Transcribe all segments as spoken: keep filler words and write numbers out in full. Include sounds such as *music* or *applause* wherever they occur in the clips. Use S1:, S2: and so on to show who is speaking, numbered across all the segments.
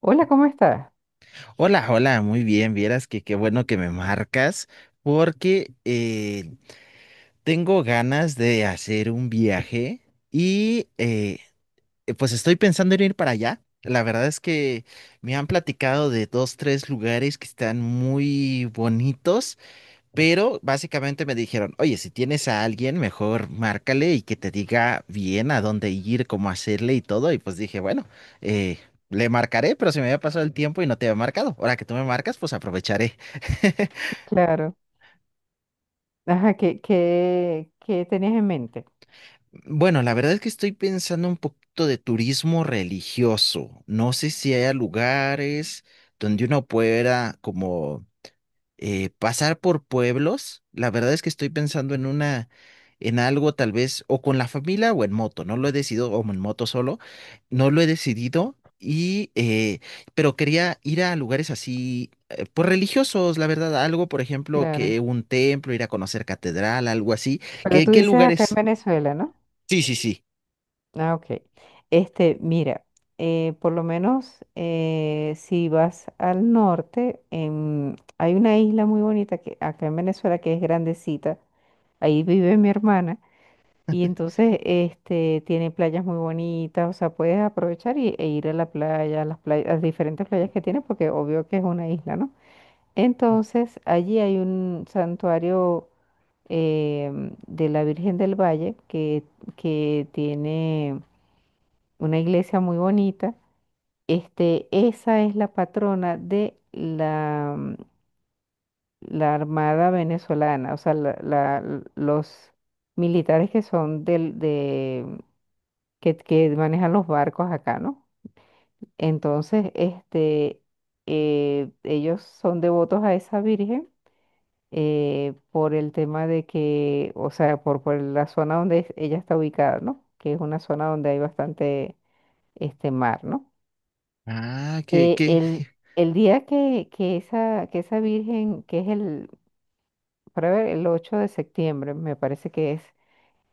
S1: Hola, ¿cómo estás?
S2: Hola, hola, muy bien. Vieras que qué bueno que me marcas porque eh, tengo ganas de hacer un viaje y eh, eh, pues estoy pensando en ir para allá. La verdad es que me han platicado de dos, tres lugares que están muy bonitos, pero básicamente me dijeron, oye, si tienes a alguien, mejor márcale y que te diga bien a dónde ir, cómo hacerle y todo. Y pues dije, bueno, eh, le marcaré, pero se me había pasado el tiempo y no te había marcado. Ahora que tú me marcas, pues aprovecharé. *laughs*
S1: Claro. Ajá, ¿qué, qué, qué tenías en mente?
S2: Bueno, la verdad es que estoy pensando un poquito de turismo religioso. No sé si haya lugares donde uno pueda como eh, pasar por pueblos. La verdad es que estoy pensando en una, en algo tal vez, o con la familia o en moto, no lo he decidido, o en moto solo, no lo he decidido, y, eh, pero quería ir a lugares así, eh, pues religiosos, la verdad, algo, por ejemplo,
S1: Claro.
S2: que un templo, ir a conocer catedral, algo así.
S1: Pero
S2: ¿Qué,
S1: tú
S2: qué
S1: dices acá en
S2: lugares?
S1: Venezuela, ¿no?
S2: Sí, sí, sí.
S1: Ah, ok. Este, mira, eh, por lo menos eh, si vas al norte, en- hay una isla muy bonita que acá en Venezuela que es grandecita. Ahí vive mi hermana y entonces este tiene playas muy bonitas, o sea, puedes aprovechar y, e ir a la playa, a las playas, a las diferentes playas que tiene porque obvio que es una isla, ¿no? Entonces, allí hay un santuario em, de la Virgen del Valle que, que tiene una iglesia muy bonita. Este, esa es la patrona de la, mm, la Armada venezolana, o sea, la- la- l- los militares que son del, de, que, que manejan los barcos acá, ¿no? Entonces, este, eh, ellos son devotos a esa Virgen eh, por el tema de que, o sea, por, por la zona donde es- ella está ubicada, ¿no? Que es una zona donde hay bastante este mar, ¿no?
S2: Ah, qué,
S1: Eh,
S2: qué.
S1: el, el día que, que, esa, que esa virgen, que es el, para ver, el ocho de septiembre, me parece que es,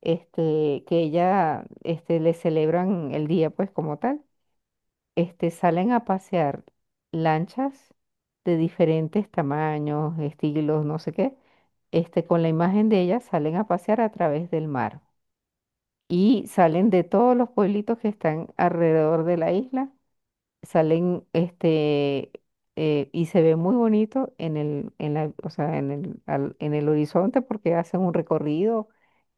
S1: este, que ella, este, le celebran el día, pues, como tal. Este, salen a pasear lanchas de diferentes tamaños, estilos, no sé qué, este, con la imagen de ellas salen a pasear a través del mar y salen de todos los pueblitos que están alrededor de la isla, salen este, eh, y se ve muy bonito en el en la o sea en el al- en el horizonte porque hacen un recorrido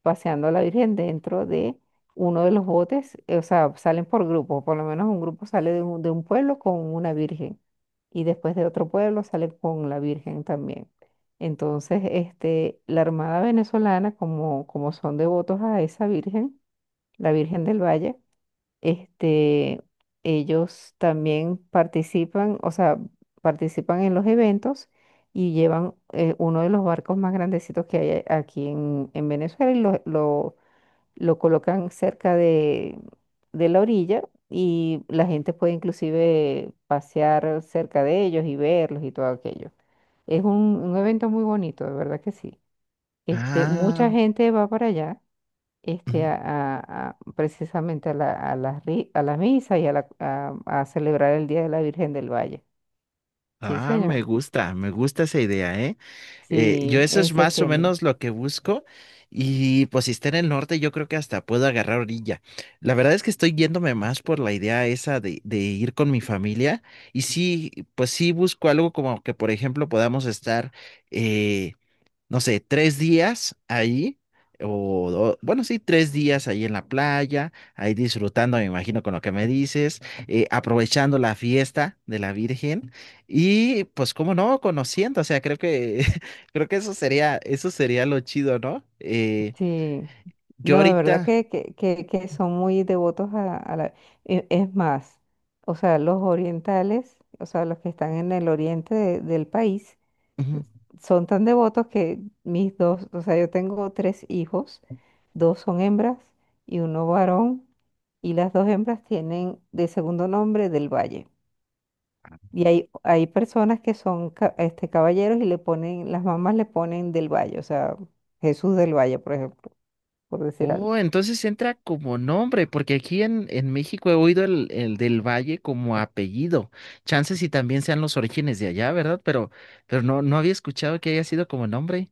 S1: paseando a la Virgen dentro de uno de los botes, eh, o sea salen por grupo, por lo menos un grupo sale de un, de un pueblo con una Virgen, y después de otro pueblo sale con la Virgen también. Entonces, este, la Armada venezolana, como como son devotos a esa Virgen, la Virgen del Valle, este, ellos también participan, o sea, participan en los eventos y llevan, eh, uno de los barcos más grandecitos que hay a- aquí en, en Venezuela, y lo, lo, lo colocan cerca de, de la orilla, y la gente puede inclusive pasear cerca de ellos y verlos y todo aquello. Es un, un evento muy bonito, de verdad que sí. Este, mucha
S2: Ah.
S1: gente va para allá, este, a, a- a- precisamente a la, a la, ri- a la misa y a, la, a, a celebrar el Día de la Virgen del Valle. Sí,
S2: Ah, me
S1: señor.
S2: gusta, me gusta esa idea, ¿eh? Eh, yo
S1: Sí,
S2: eso
S1: en
S2: es más o
S1: septiembre.
S2: menos lo que busco, y pues si está en el norte yo creo que hasta puedo agarrar orilla. La verdad es que estoy yéndome más por la idea esa de, de ir con mi familia, y sí, pues sí busco algo como que por ejemplo podamos estar eh, no sé, tres días ahí, o, do- bueno, sí, tres días ahí en la playa, ahí disfrutando, me imagino, con lo que me dices, eh, aprovechando la fiesta de la Virgen y pues, cómo no, conociendo, o sea, creo que, *laughs* creo que eso sería, eso sería lo chido, ¿no? Eh,
S1: Sí.
S2: yo
S1: No, de verdad
S2: ahorita.
S1: que, que, que, que son muy devotos a, a la... E- es más, o sea, los orientales, o sea, los que están en el oriente de- del país,
S2: Ujú.
S1: son tan devotos que mis dos, o sea, yo tengo tres hijos, dos son hembras y uno varón, y las dos hembras tienen de segundo nombre del Valle. Y hay, hay personas que son ca- este, caballeros y le ponen, las mamás le ponen del Valle, o sea, Jesús del Valle, por ejemplo, por decir algo.
S2: Oh, entonces entra como nombre, porque aquí en, en México he oído el, el del Valle como apellido. Chances y también sean los orígenes de allá, ¿verdad? Pero, pero no, no había escuchado que haya sido como nombre.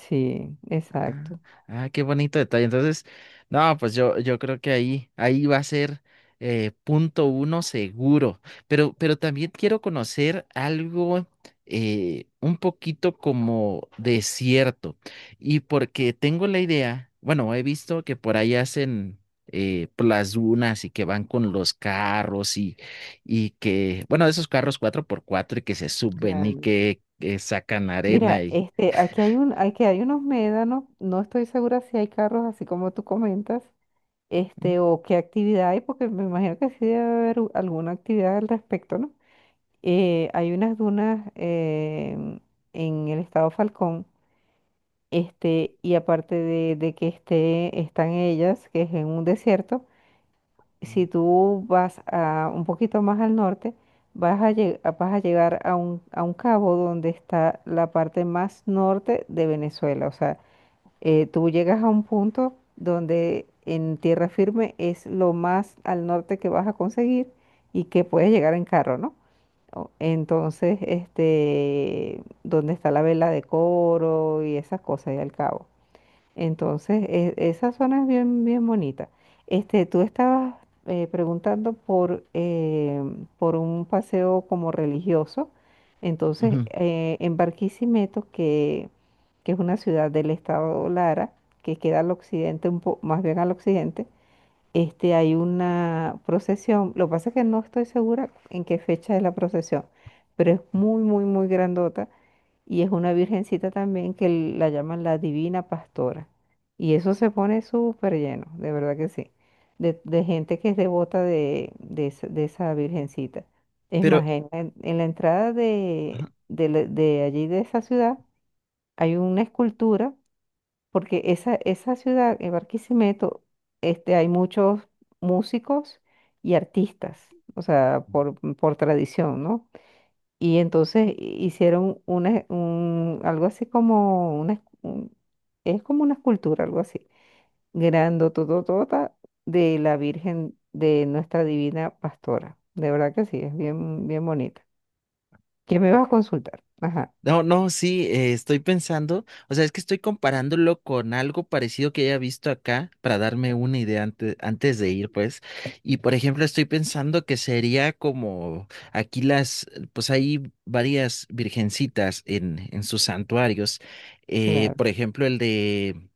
S1: Sí,
S2: Ah,
S1: exacto.
S2: ah, qué bonito detalle. Entonces, no, pues yo, yo creo que ahí, ahí va a ser eh, punto uno seguro. Pero, pero también quiero conocer algo eh, un poquito como desierto. Y porque tengo la idea, bueno, he visto que por ahí hacen eh, por las dunas y que van con los carros y, y que, bueno, esos carros cuatro por cuatro y que se suben y
S1: Claro.
S2: que, eh, sacan arena
S1: Mira,
S2: y.
S1: este, aquí hay un, aquí hay unos médanos, no estoy segura si hay carros así como tú comentas,
S2: Ujú.
S1: este, o qué actividad hay, porque me imagino que sí debe haber u- alguna actividad al respecto, ¿no? Eh, hay unas dunas, em, en el estado Falcón, este, y aparte de, de que esté, están ellas, que es en un desierto, si tú vas a, un poquito más al norte, vas a, lle- vas a llegar a un, a un cabo donde está la parte más norte de Venezuela, o sea, eh, tú llegas a un punto donde en tierra firme es lo más al norte que vas a conseguir y que puedes llegar en carro, ¿no? O- entonces, este, donde está la vela de coro y esas cosas y al cabo. Entonces, e- esa zona es bien, bien bonita. Este, tú estabas eh, preguntando por, eh, por un paseo como religioso. Entonces,
S2: Ujú.
S1: eh, en Barquisimeto, que, que es una ciudad del estado Lara, que queda al occidente, un po- más bien al occidente, este, hay una procesión. Lo que pasa es que no estoy segura en qué fecha es la procesión, pero es muy, muy, muy grandota y es una virgencita también que la llaman la Divina Pastora. Y eso se pone súper lleno, de verdad que sí, de, de gente que es devota de, de, esa de esa virgencita. Es
S2: Pero.
S1: más, en, en- en la entrada de,
S2: Ajá.
S1: de, la- de allí, de esa ciudad, hay una escultura, porque esa, esa ciudad, en Barquisimeto, este, hay muchos músicos y artistas, o sea, por, por tradición, ¿no? Y entonces hicieron una, un, algo así como una, un- es como una escultura, algo así, grandotototota, de la Virgen de nuestra Divina Pastora. De verdad que sí, es bien, bien bonita. ¿Qué me vas a consultar? Ajá,
S2: No, no, sí, eh, estoy pensando, o sea, es que estoy comparándolo con algo parecido que haya visto acá para darme una idea antes, antes de ir, pues. Y por ejemplo, estoy pensando que sería como aquí las, pues hay varias virgencitas en, en sus santuarios. Eh,
S1: claro.
S2: por ejemplo, el de,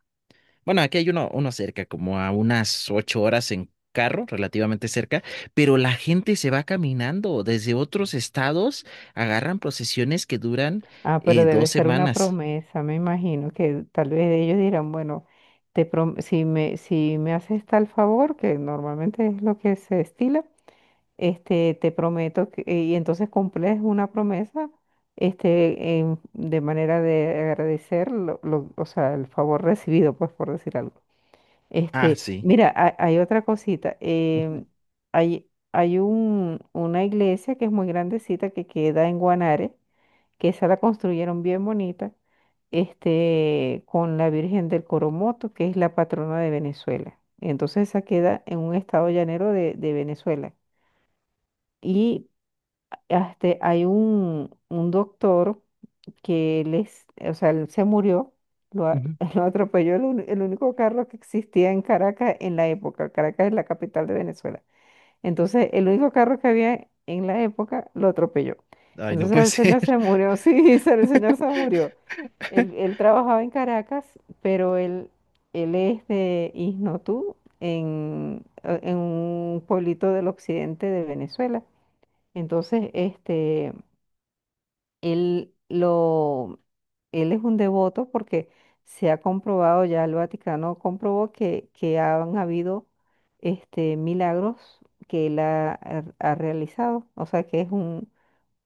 S2: bueno, aquí hay uno, uno cerca, como a unas ocho horas en carro, relativamente cerca, pero la gente se va caminando. Desde otros estados agarran procesiones que duran
S1: Ah, pero
S2: eh,
S1: debe
S2: dos
S1: ser una
S2: semanas.
S1: promesa, me imagino que tal vez ellos dirán, bueno, te prom- si me, si me haces tal favor, que normalmente es lo que se estila, este, te prometo que, eh, y entonces cumples una promesa, este, en- de manera de agradecer lo, lo- o sea, el favor recibido, pues, por decir algo.
S2: Ah,
S1: Este,
S2: sí.
S1: mira, ha- hay, otra cosita,
S2: Ujú,
S1: em, hay, hay un, una iglesia que es muy grandecita que queda en Guanare, que esa la construyeron bien bonita, este, con la Virgen del Coromoto, que es la patrona de Venezuela. Entonces esa queda en un estado llanero de de Venezuela. Y ah, este, hay un, un doctor que les, o sea, él se murió, lo, a-
S2: ujú.
S1: *laughs* lo atropelló el, uni- el único carro que existía en Caracas en la época. Caracas es la capital de Venezuela. Entonces, el único carro que había en la época lo atropelló.
S2: Ay, no
S1: Entonces,
S2: puede
S1: el
S2: ser.
S1: señor se murió, *laughs* sí, se- el señor se murió. Él, él trabajaba en Caracas, pero él, él es de Isnotú, en, en un pueblito del occidente de Venezuela. Entonces, este, él, lo, él es un devoto porque se ha comprobado, ya el Vaticano comprobó que, que han habido este, milagros que él ha, ha- ha realizado. O sea que es un,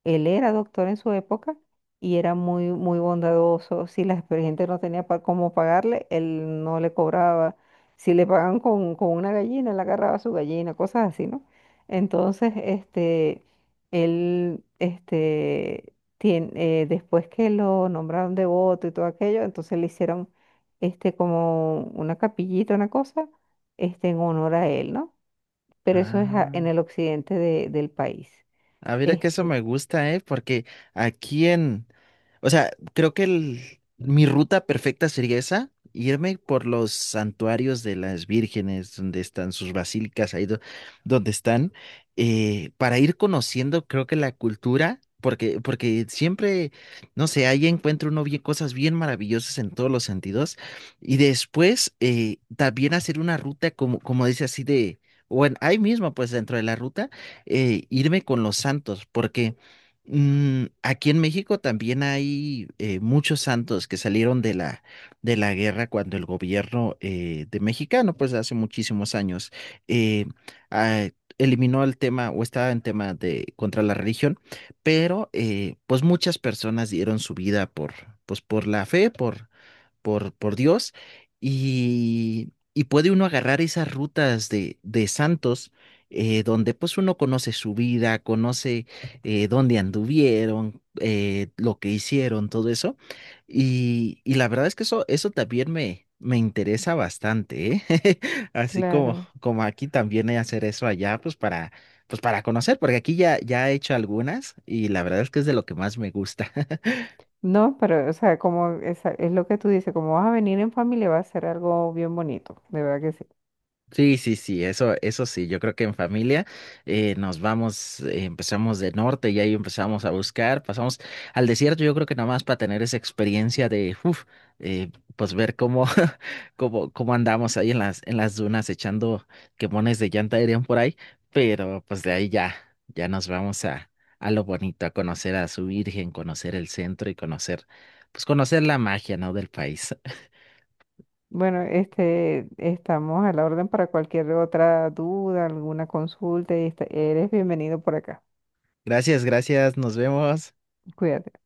S1: él era doctor en su época y era muy, muy bondadoso. Si la gente no tenía para cómo pagarle, él no le cobraba. Si le pagaban con, con una gallina, él agarraba su gallina, cosas así, ¿no? Entonces, este, él, este, tien- eh, después que lo nombraron devoto y todo aquello, entonces le hicieron, este, como una capillita, una cosa, este, en honor a él, ¿no?
S2: *laughs*
S1: Pero eso es a- en
S2: Ah.
S1: el occidente de- del país.
S2: A ver, es que eso
S1: Este,
S2: me gusta, ¿eh? Porque aquí en, o sea, creo que el, mi ruta perfecta sería esa, irme por los santuarios de las vírgenes, donde están sus basílicas, ahí do- donde están, eh, para ir conociendo, creo que la cultura, porque, porque siempre, no sé, ahí encuentro uno bien, cosas bien maravillosas en todos los sentidos, y después eh, también hacer una ruta como, como dice así de, bueno, ahí mismo, pues dentro de la ruta eh, irme con los santos, porque mm, aquí en México también hay eh, muchos santos que salieron de la, de la guerra cuando el gobierno eh, de mexicano, pues hace muchísimos años, eh, ah, eliminó el tema o estaba en tema de contra la religión, pero eh, pues muchas personas dieron su vida por, pues por la fe, por por, por Dios, y, y puede uno agarrar esas rutas de, de santos eh, donde pues uno conoce su vida, conoce eh, dónde anduvieron, eh, lo que hicieron, todo eso. Y, y la verdad es que eso, eso también me, me interesa bastante, ¿eh? *laughs* Así como,
S1: claro.
S2: como aquí también he hacer eso allá, pues para, pues para conocer, porque aquí ya, ya he hecho algunas y la verdad es que es de lo que más me gusta. *laughs*
S1: No, pero, o sea, como esa- es, lo que tú dices, como vas a venir en familia, va a ser algo bien bonito, de verdad que sí.
S2: Sí, sí, sí, eso, eso sí, yo creo que en familia eh, nos vamos, eh, empezamos de norte y ahí empezamos a buscar, pasamos al desierto, yo creo que nada más para tener esa experiencia de, uf, eh, pues ver cómo, *laughs* cómo, cómo andamos ahí en las, en las dunas echando quemones de llanta dirían por ahí, pero pues de ahí ya, ya nos vamos a, a lo bonito, a conocer a su Virgen, conocer el centro y conocer, pues conocer la magia, ¿no?, del país.
S1: Bueno, este, estamos a la orden para cualquier otra duda, alguna consulta, y esta- eres bienvenido por acá.
S2: *laughs* Gracias, gracias, nos vemos.
S1: Cuídate.